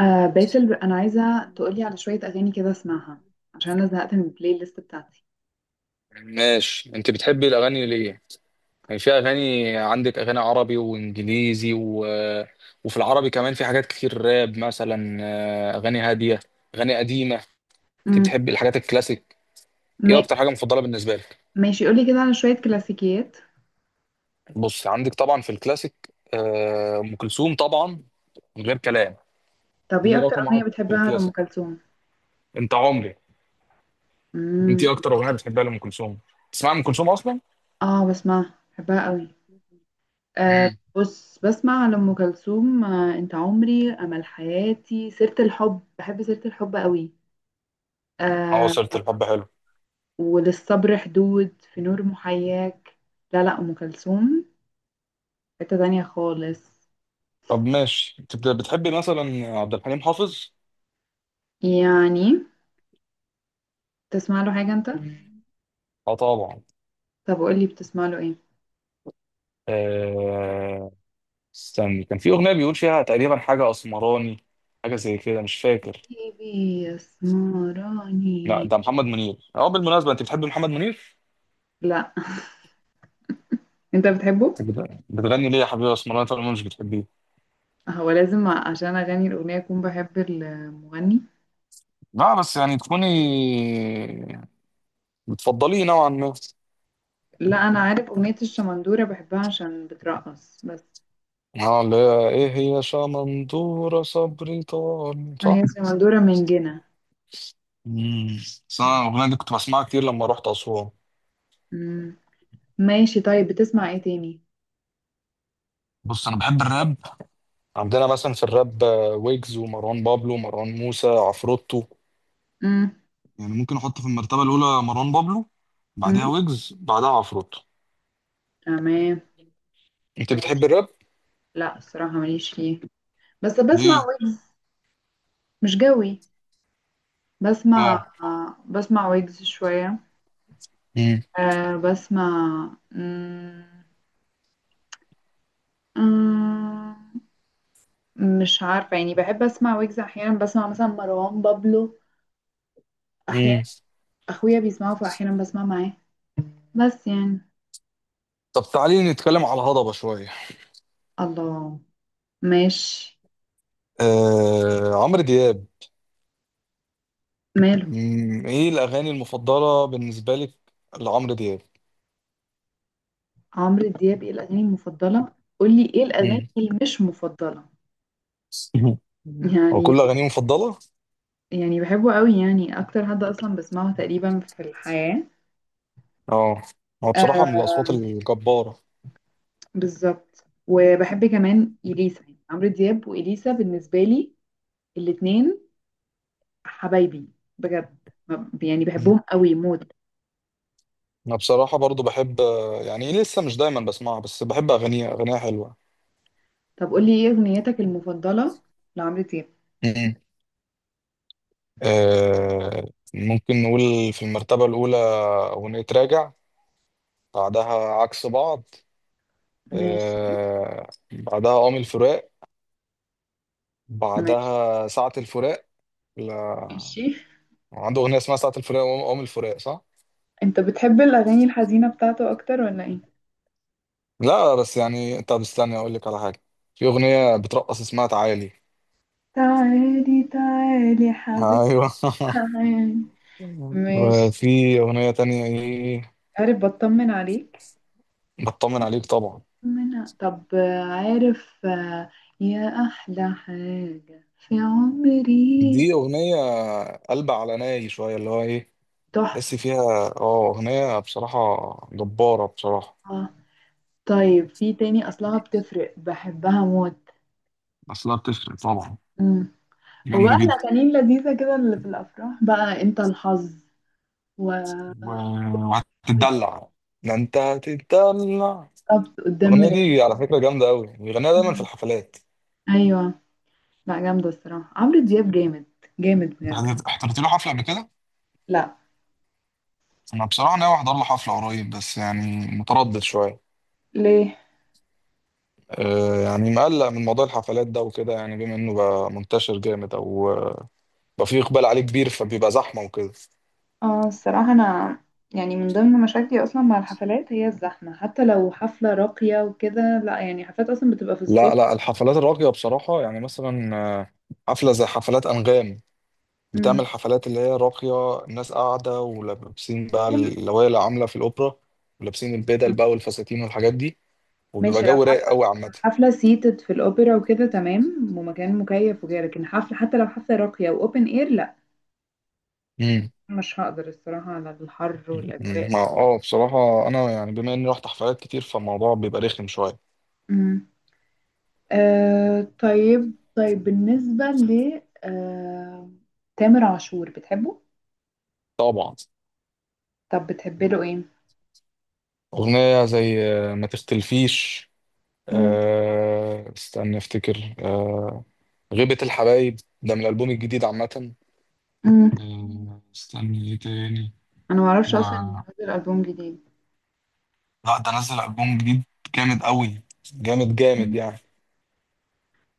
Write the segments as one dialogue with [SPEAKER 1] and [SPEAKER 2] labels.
[SPEAKER 1] آه، باسل، انا عايزه تقولي على شويه اغاني كده اسمعها. عشان انا زهقت من البلاي ليست بتاعتي.
[SPEAKER 2] ماشي، انت بتحبي الاغاني ليه؟ يعني في اغاني. عندك اغاني عربي وانجليزي وفي العربي كمان في حاجات كتير، راب مثلا، اغاني هاديه، اغاني قديمه. انت
[SPEAKER 1] امم
[SPEAKER 2] بتحبي الحاجات الكلاسيك؟ ايه
[SPEAKER 1] ما...
[SPEAKER 2] اكتر حاجه مفضله بالنسبه لك؟
[SPEAKER 1] ماشي، قولي كده على شويه كلاسيكيات.
[SPEAKER 2] بص، عندك طبعا في الكلاسيك ام كلثوم طبعا، من غير كلام.
[SPEAKER 1] طب ايه
[SPEAKER 2] دي
[SPEAKER 1] اكتر
[SPEAKER 2] رقم واحد
[SPEAKER 1] اغنيه
[SPEAKER 2] في
[SPEAKER 1] بتحبها لام
[SPEAKER 2] الكلاسيك.
[SPEAKER 1] كلثوم؟
[SPEAKER 2] انت عمري. انت
[SPEAKER 1] امم.
[SPEAKER 2] ايه اكتر اغنيه بتحبها لام كلثوم؟ تسمع ام كلثوم اصلا؟
[SPEAKER 1] اه، بسمعها بحبها قوي. آه
[SPEAKER 2] امم.
[SPEAKER 1] بص، بسمع لام كلثوم، انت عمري، امل حياتي، سيره الحب، بحب سيره الحب قوي، آه،
[SPEAKER 2] عواصر الحب حلو.
[SPEAKER 1] وللصبر حدود، في نور محياك. لا لا، ام كلثوم حته تانية خالص.
[SPEAKER 2] طب ماشي، انت بتحبي مثلا عبد الحليم حافظ؟
[SPEAKER 1] يعني، تسمع له حاجه انت؟
[SPEAKER 2] اه طبعا.
[SPEAKER 1] طب قولي، بتسمع له ايه؟
[SPEAKER 2] آه... استني، كان في اغنيه بيقول فيها تقريبا حاجه اسمراني، حاجه زي كده مش فاكر.
[SPEAKER 1] حبيبي
[SPEAKER 2] لا،
[SPEAKER 1] يسمراني؟
[SPEAKER 2] ده محمد منير. اه، بالمناسبه، انت بتحبي محمد منير؟
[SPEAKER 1] لا، انت بتحبه؟
[SPEAKER 2] انت بتغني ليه يا حبيبي اسمراني طالما مش بتحبيه؟
[SPEAKER 1] هو لازم عشان اغني الاغنيه اكون بحب المغني؟
[SPEAKER 2] لا بس يعني تكوني بتفضليه نوعا ما.
[SPEAKER 1] لا، انا عارف اغنيه الشمندوره بحبها عشان بترقص بس.
[SPEAKER 2] اه، اللي هي ايه؟ هي شمندوره صبري طال،
[SPEAKER 1] هي
[SPEAKER 2] صح؟
[SPEAKER 1] الشمندوره من جنة.
[SPEAKER 2] امم. بس انا الاغنيه دي كنت بسمعها كتير لما رحت اسوان.
[SPEAKER 1] مم. ماشي، طيب بتسمع ايه تاني؟
[SPEAKER 2] بص، انا بحب الراب. عندنا مثلا في الراب ويجز ومروان بابلو ومروان موسى عفروتو.
[SPEAKER 1] مم.
[SPEAKER 2] يعني ممكن احط في المرتبه الاولى مروان بابلو، بعدها
[SPEAKER 1] مم.
[SPEAKER 2] ويجز، بعدها عفروتو.
[SPEAKER 1] تمام.
[SPEAKER 2] انت بتحب
[SPEAKER 1] ماشي.
[SPEAKER 2] الراب؟
[SPEAKER 1] لا، الصراحه ماليش فيه، بس بسمع
[SPEAKER 2] ليه؟
[SPEAKER 1] ويجز. مش جوي. بسمع
[SPEAKER 2] اه.
[SPEAKER 1] بسمع ويجز شويه.
[SPEAKER 2] امم.
[SPEAKER 1] أه بسمع. مم. أمم، مش عارفة، يعني بحب أسمع ويجز أحيانا، بسمع مثلا مروان بابلو أحيانا.
[SPEAKER 2] امم.
[SPEAKER 1] أخويا بيسمعه فأحيانا بسمع معاه، بس يعني.
[SPEAKER 2] طب تعالي نتكلم على الهضبه شويه.
[SPEAKER 1] الله. ماشي.
[SPEAKER 2] عمرو دياب.
[SPEAKER 1] ماله
[SPEAKER 2] مم. ايه الاغاني المفضله بالنسبه لك لعمرو دياب؟
[SPEAKER 1] عمرو دياب؟ إيه الأغاني المفضلة؟ قولي إيه الأغاني
[SPEAKER 2] مم.
[SPEAKER 1] اللي مش مفضلة.
[SPEAKER 2] هو
[SPEAKER 1] يعني
[SPEAKER 2] كل اغانيه مفضله.
[SPEAKER 1] يعني بحبه قوي، يعني أكتر حد أصلا بسمعه تقريبا في الحياة.
[SPEAKER 2] اه، هو بصراحه من
[SPEAKER 1] آه،
[SPEAKER 2] الاصوات الجباره.
[SPEAKER 1] بالظبط. وبحب كمان إليسا، يعني عمرو دياب وإليسا بالنسبة لي الاتنين حبايبي بجد. يعني بحبهم قوي موت.
[SPEAKER 2] انا بصراحه برضو بحب، يعني لسه مش دايما بسمعها بس بحب اغانيها. اغانيها حلوه.
[SPEAKER 1] طب قولي ايه اغنيتك المفضلة لعمرو دياب.
[SPEAKER 2] مم. آه ممكن نقول في المرتبه الاولى اغنيه راجع، بعدها عكس بعض،
[SPEAKER 1] ماشي.
[SPEAKER 2] بعدها قوم الفراق،
[SPEAKER 1] ماشي.
[SPEAKER 2] بعدها ساعه الفراق. لا،
[SPEAKER 1] ماشي.
[SPEAKER 2] عنده اغنيه اسمها ساعه الفراق وقوم الفراق، صح.
[SPEAKER 1] انت بتحب الاغاني الحزينة بتاعته اكتر ولا ايه؟
[SPEAKER 2] لا بس يعني، طب استنى اقول لك على حاجه. في اغنيه بترقص اسمها تعالي.
[SPEAKER 1] تعالي تعالي يا حبيبي،
[SPEAKER 2] ايوه.
[SPEAKER 1] تعالي. ماشي.
[SPEAKER 2] وفي اغنيه تانية ايه؟
[SPEAKER 1] عارف بطمن عليك؟
[SPEAKER 2] بطمن عليك طبعا.
[SPEAKER 1] من طب، عارف، يا احلى حاجة في عمري،
[SPEAKER 2] دي أغنية قلب على ناي شوية، اللي هو إيه، تحس
[SPEAKER 1] تحفة.
[SPEAKER 2] فيها. اه، أغنية بصراحة جبارة بصراحة.
[SPEAKER 1] طيب، في تاني اصلها بتفرق، بحبها موت.
[SPEAKER 2] أصلها بتفرق طبعا،
[SPEAKER 1] هو
[SPEAKER 2] جامدة
[SPEAKER 1] بقى
[SPEAKER 2] جدا.
[SPEAKER 1] الأغاني اللذيذة كده اللي في الأفراح، بقى أنت الحظ، وربط،
[SPEAKER 2] و... وهتتدلع، ده أنت هتتدلع.
[SPEAKER 1] قدام
[SPEAKER 2] الأغنية
[SPEAKER 1] مراية.
[SPEAKER 2] دي على فكرة جامدة أوي، بيغنيها دايما في الحفلات.
[SPEAKER 1] أيوة. لا، جامدة، الصراحة عمرو دياب جامد، جامد
[SPEAKER 2] أنت
[SPEAKER 1] بجد.
[SPEAKER 2] حضرت له حفلة قبل كده؟
[SPEAKER 1] لا.
[SPEAKER 2] أنا بصراحة ناوي أحضر له حفلة قريب بس يعني متردد شوية.
[SPEAKER 1] ليه؟
[SPEAKER 2] أه يعني مقلق من موضوع الحفلات ده وكده، يعني بما إنه بقى منتشر جامد أو بقى فيه إقبال عليه كبير فبيبقى زحمة وكده.
[SPEAKER 1] اه الصراحة أنا يعني من ضمن مشاكلي أصلا مع الحفلات هي الزحمة. حتى لو حفلة راقية وكده لا، يعني حفلات أصلا بتبقى في الصيف.
[SPEAKER 2] لا لا، الحفلات الراقية بصراحة يعني مثلا حفلة زي حفلات أنغام.
[SPEAKER 1] أمم.
[SPEAKER 2] بتعمل حفلات اللي هي راقية، الناس قاعدة ولابسين بقى
[SPEAKER 1] طول.
[SPEAKER 2] اللوايا اللي عاملة في الأوبرا، ولابسين البدل
[SPEAKER 1] أمم.
[SPEAKER 2] بقى والفساتين والحاجات دي، وبيبقى
[SPEAKER 1] ماشي، لو
[SPEAKER 2] جو رايق
[SPEAKER 1] حفلة،
[SPEAKER 2] قوي عامة.
[SPEAKER 1] حفلة سيتد في الأوبرا وكده تمام ومكان مكيف وكده، لكن حفلة حتى لو حفلة راقية وأوبن إير لا.
[SPEAKER 2] امم.
[SPEAKER 1] مش هقدر الصراحة على الحر والأجواء.
[SPEAKER 2] ما بصراحة أنا يعني بما إني رحت حفلات كتير فالموضوع بيبقى رخم شوية.
[SPEAKER 1] مم. آه طيب، طيب بالنسبة ل تامر عاشور، بتحبه؟
[SPEAKER 2] طبعا.
[SPEAKER 1] طب بتحبي له ايه؟
[SPEAKER 2] أغنية زي ما تختلفيش.
[SPEAKER 1] مم.
[SPEAKER 2] استنى أفتكر. غيبة الحبايب، ده من الألبوم الجديد عامة.
[SPEAKER 1] مم.
[SPEAKER 2] استني ايه تاني؟
[SPEAKER 1] أنا معرفش
[SPEAKER 2] و...
[SPEAKER 1] أصلا إنه نزل ألبوم جديد.
[SPEAKER 2] لا ده نزل ألبوم جديد، جامد قوي، جامد جامد
[SPEAKER 1] مم.
[SPEAKER 2] يعني.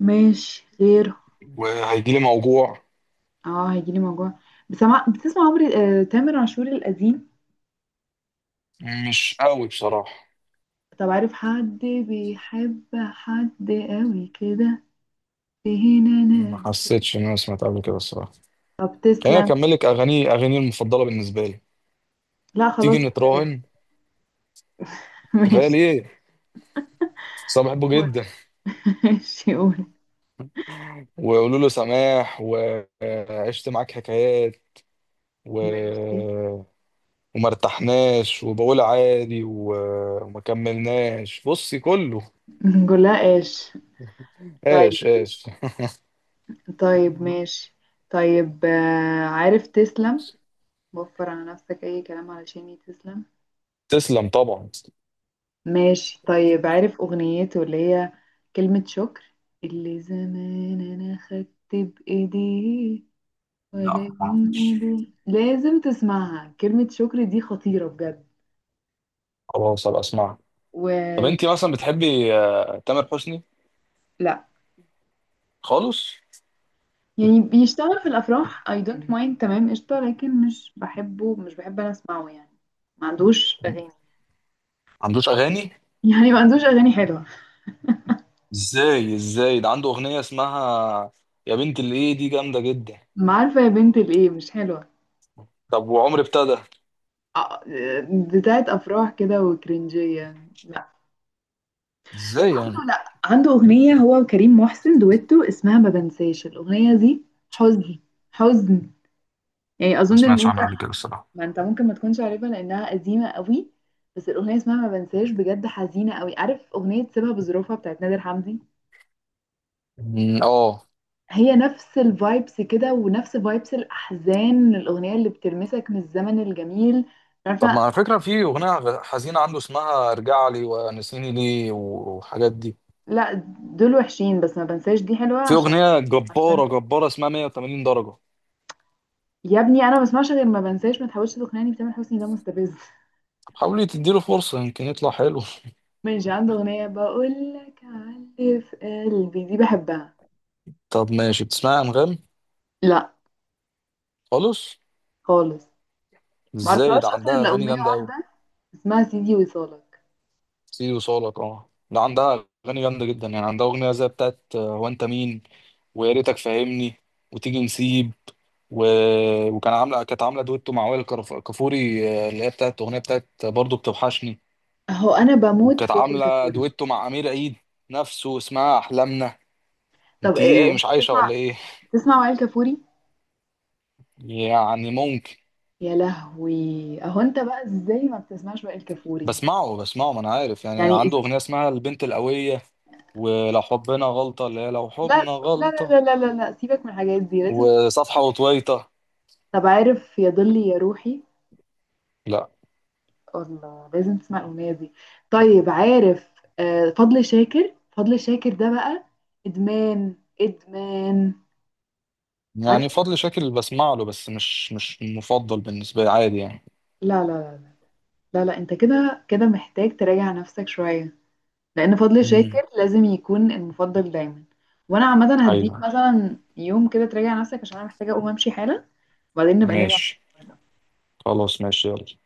[SPEAKER 1] ماشي، غير.
[SPEAKER 2] وهيجيلي موجوع.
[SPEAKER 1] اه، هيجيلي موجوع. بتسمع عمري، تامر عاشور القديم.
[SPEAKER 2] مش قوي بصراحة.
[SPEAKER 1] طب عارف حد بيحب حد قوي كده؟ فين
[SPEAKER 2] ما
[SPEAKER 1] أنا؟
[SPEAKER 2] حسيتش ان انا سمعت قبل كده الصراحة.
[SPEAKER 1] طب
[SPEAKER 2] خليني
[SPEAKER 1] تسلم.
[SPEAKER 2] اكمل لك اغاني المفضلة بالنسبة لي.
[SPEAKER 1] لا
[SPEAKER 2] تيجي
[SPEAKER 1] خلاص، كفاية.
[SPEAKER 2] نتراهن؟ كفاية
[SPEAKER 1] ماشي،
[SPEAKER 2] ليه؟ بس أنا بحبه
[SPEAKER 1] قول.
[SPEAKER 2] جدا.
[SPEAKER 1] ماشي قول.
[SPEAKER 2] وقولوا له سماح، وعشت معاك حكايات و...
[SPEAKER 1] ماشي.
[SPEAKER 2] وما ارتحناش، وبقول عادي وما كملناش. بصي كله.
[SPEAKER 1] نقول لها ايش؟ طيب.
[SPEAKER 2] ايش ايش.
[SPEAKER 1] طيب ماشي. طيب، عارف تسلم؟ وفر على نفسك اي كلام علشان تسلم.
[SPEAKER 2] تسلم طبعا.
[SPEAKER 1] ماشي. طيب عارف اغنيته اللي هي كلمة شكر، اللي زمان انا خدت بايديه
[SPEAKER 2] لا، ما
[SPEAKER 1] ولكن
[SPEAKER 2] أعرفش.
[SPEAKER 1] ايدي لازم تسمعها؟ كلمة شكر دي خطيرة بجد.
[SPEAKER 2] خلاص هبقى اسمعها.
[SPEAKER 1] و
[SPEAKER 2] طب انت مثلا بتحبي تامر حسني؟
[SPEAKER 1] لا،
[SPEAKER 2] خالص.
[SPEAKER 1] يعني بيشتغل في الافراح I don't mind، تمام قشطه، لكن مش بحبه، مش بحب انا اسمعه يعني. ما عندوش
[SPEAKER 2] ما
[SPEAKER 1] اغاني.
[SPEAKER 2] عندوش اغاني؟
[SPEAKER 1] يعني ما عندوش اغاني حلوه.
[SPEAKER 2] ازاي ازاي، ده عنده اغنيه اسمها يا بنت الايه، دي جامده جدا.
[SPEAKER 1] ما عارفه، يا بنت الايه مش حلوه.
[SPEAKER 2] طب وعمر ابتدى.
[SPEAKER 1] آه، بتاعت افراح كده وكرنجيه، لا.
[SPEAKER 2] ازاي يعني؟
[SPEAKER 1] عنده، لا، عنده اغنيه هو وكريم محسن دويتو اسمها ما بنساش، الاغنيه دي حزن، حزن. يعني
[SPEAKER 2] ما
[SPEAKER 1] اظن ان
[SPEAKER 2] سمعتش
[SPEAKER 1] انت،
[SPEAKER 2] عنها قبل كده الصراحه.
[SPEAKER 1] ما انت ممكن ما تكونش عارفها لانها قديمه قوي، بس الاغنيه اسمها ما بنساش بجد حزينه قوي. عارف اغنيه سيبها بظروفها بتاعت نادر حمدي؟
[SPEAKER 2] مم، اه.
[SPEAKER 1] هي نفس الفايبس كده، ونفس فايبس الأحزان، الأغنية اللي بتلمسك من الزمن الجميل.
[SPEAKER 2] طب ما
[SPEAKER 1] عارفة؟
[SPEAKER 2] على فكره، في اغنيه حزينه عنده اسمها ارجع لي ونسيني ليه والحاجات دي.
[SPEAKER 1] لا، دول وحشين، بس ما بنساش دي حلوة.
[SPEAKER 2] في
[SPEAKER 1] عشان
[SPEAKER 2] اغنيه
[SPEAKER 1] عشان
[SPEAKER 2] جباره جباره اسمها 180 درجه.
[SPEAKER 1] يا ابني أنا ما بسمعش غير ما بنساش، ما تحاولش تقنعني بتامر حسني ده مستفز.
[SPEAKER 2] حاولي تديله فرصه، يمكن يطلع حلو.
[SPEAKER 1] ماشي، عنده أغنية بقول لك علي في قلبي دي بحبها.
[SPEAKER 2] طب ماشي، بتسمعي انغام؟
[SPEAKER 1] لا.
[SPEAKER 2] خالص؟
[SPEAKER 1] خالص. ما
[SPEAKER 2] ازاي،
[SPEAKER 1] اعرفهاش
[SPEAKER 2] ده
[SPEAKER 1] أصلا
[SPEAKER 2] عندها
[SPEAKER 1] إلا
[SPEAKER 2] اغاني
[SPEAKER 1] أغنية
[SPEAKER 2] جامده قوي.
[SPEAKER 1] واحدة اسمها سيدي وصالك.
[SPEAKER 2] سيدي وصالك، اه ده عندها اغاني جامده جدا يعني. عندها اغنيه زي بتاعت هو انت مين، ويا ريتك فاهمني، وتيجي نسيب و... وكان عامله كانت عامله دويتو مع وائل كفوري، اللي هي بتاعت اغنيه بتاعت برضه بتوحشني.
[SPEAKER 1] أهو أنا بموت
[SPEAKER 2] وكانت
[SPEAKER 1] في وائل
[SPEAKER 2] عامله
[SPEAKER 1] كفوري.
[SPEAKER 2] دويتو مع امير عيد نفسه اسمها احلامنا.
[SPEAKER 1] طب
[SPEAKER 2] انت
[SPEAKER 1] إيه،
[SPEAKER 2] ايه
[SPEAKER 1] أنت
[SPEAKER 2] مش عايشه
[SPEAKER 1] بتسمع
[SPEAKER 2] ولا ايه؟
[SPEAKER 1] بتسمع وائل كفوري؟
[SPEAKER 2] يعني ممكن.
[SPEAKER 1] يا لهوي. اهو انت بقى، ازاي ما بتسمعش بقى الكافوري؟
[SPEAKER 2] بسمعه، ما انا عارف يعني
[SPEAKER 1] يعني
[SPEAKER 2] عنده اغنيه اسمها البنت القويه، ولو حبنا غلطة اللي هي لو
[SPEAKER 1] لا
[SPEAKER 2] حبنا
[SPEAKER 1] لا
[SPEAKER 2] غلطة،
[SPEAKER 1] لا لا لا لا، سيبك من الحاجات دي، لازم.
[SPEAKER 2] وصفحة وطويطة.
[SPEAKER 1] طب عارف يا ضلي يا روحي؟
[SPEAKER 2] لا.
[SPEAKER 1] الله، لازم تسمع الاغنيه دي. طيب عارف، فضل شاكر، فضل شاكر ده بقى ادمان. ادمان.
[SPEAKER 2] يعني
[SPEAKER 1] عارفه؟
[SPEAKER 2] فضل شاكر بسمع له بس مش مفضل بالنسبة لي، عادي يعني.
[SPEAKER 1] لا لا لا لا. لا لا، انت كده كده محتاج تراجع نفسك شويه. لان فضل
[SPEAKER 2] امم.
[SPEAKER 1] شاكر لازم يكون المفضل دايما. وانا عامه هديك
[SPEAKER 2] ايوه.
[SPEAKER 1] مثلا يوم كده تراجع نفسك، عشان انا محتاجه اقوم امشي حالا. وبعدين نبقى نرجع
[SPEAKER 2] ماشي،
[SPEAKER 1] نشوف.
[SPEAKER 2] خلاص ماشي يلا.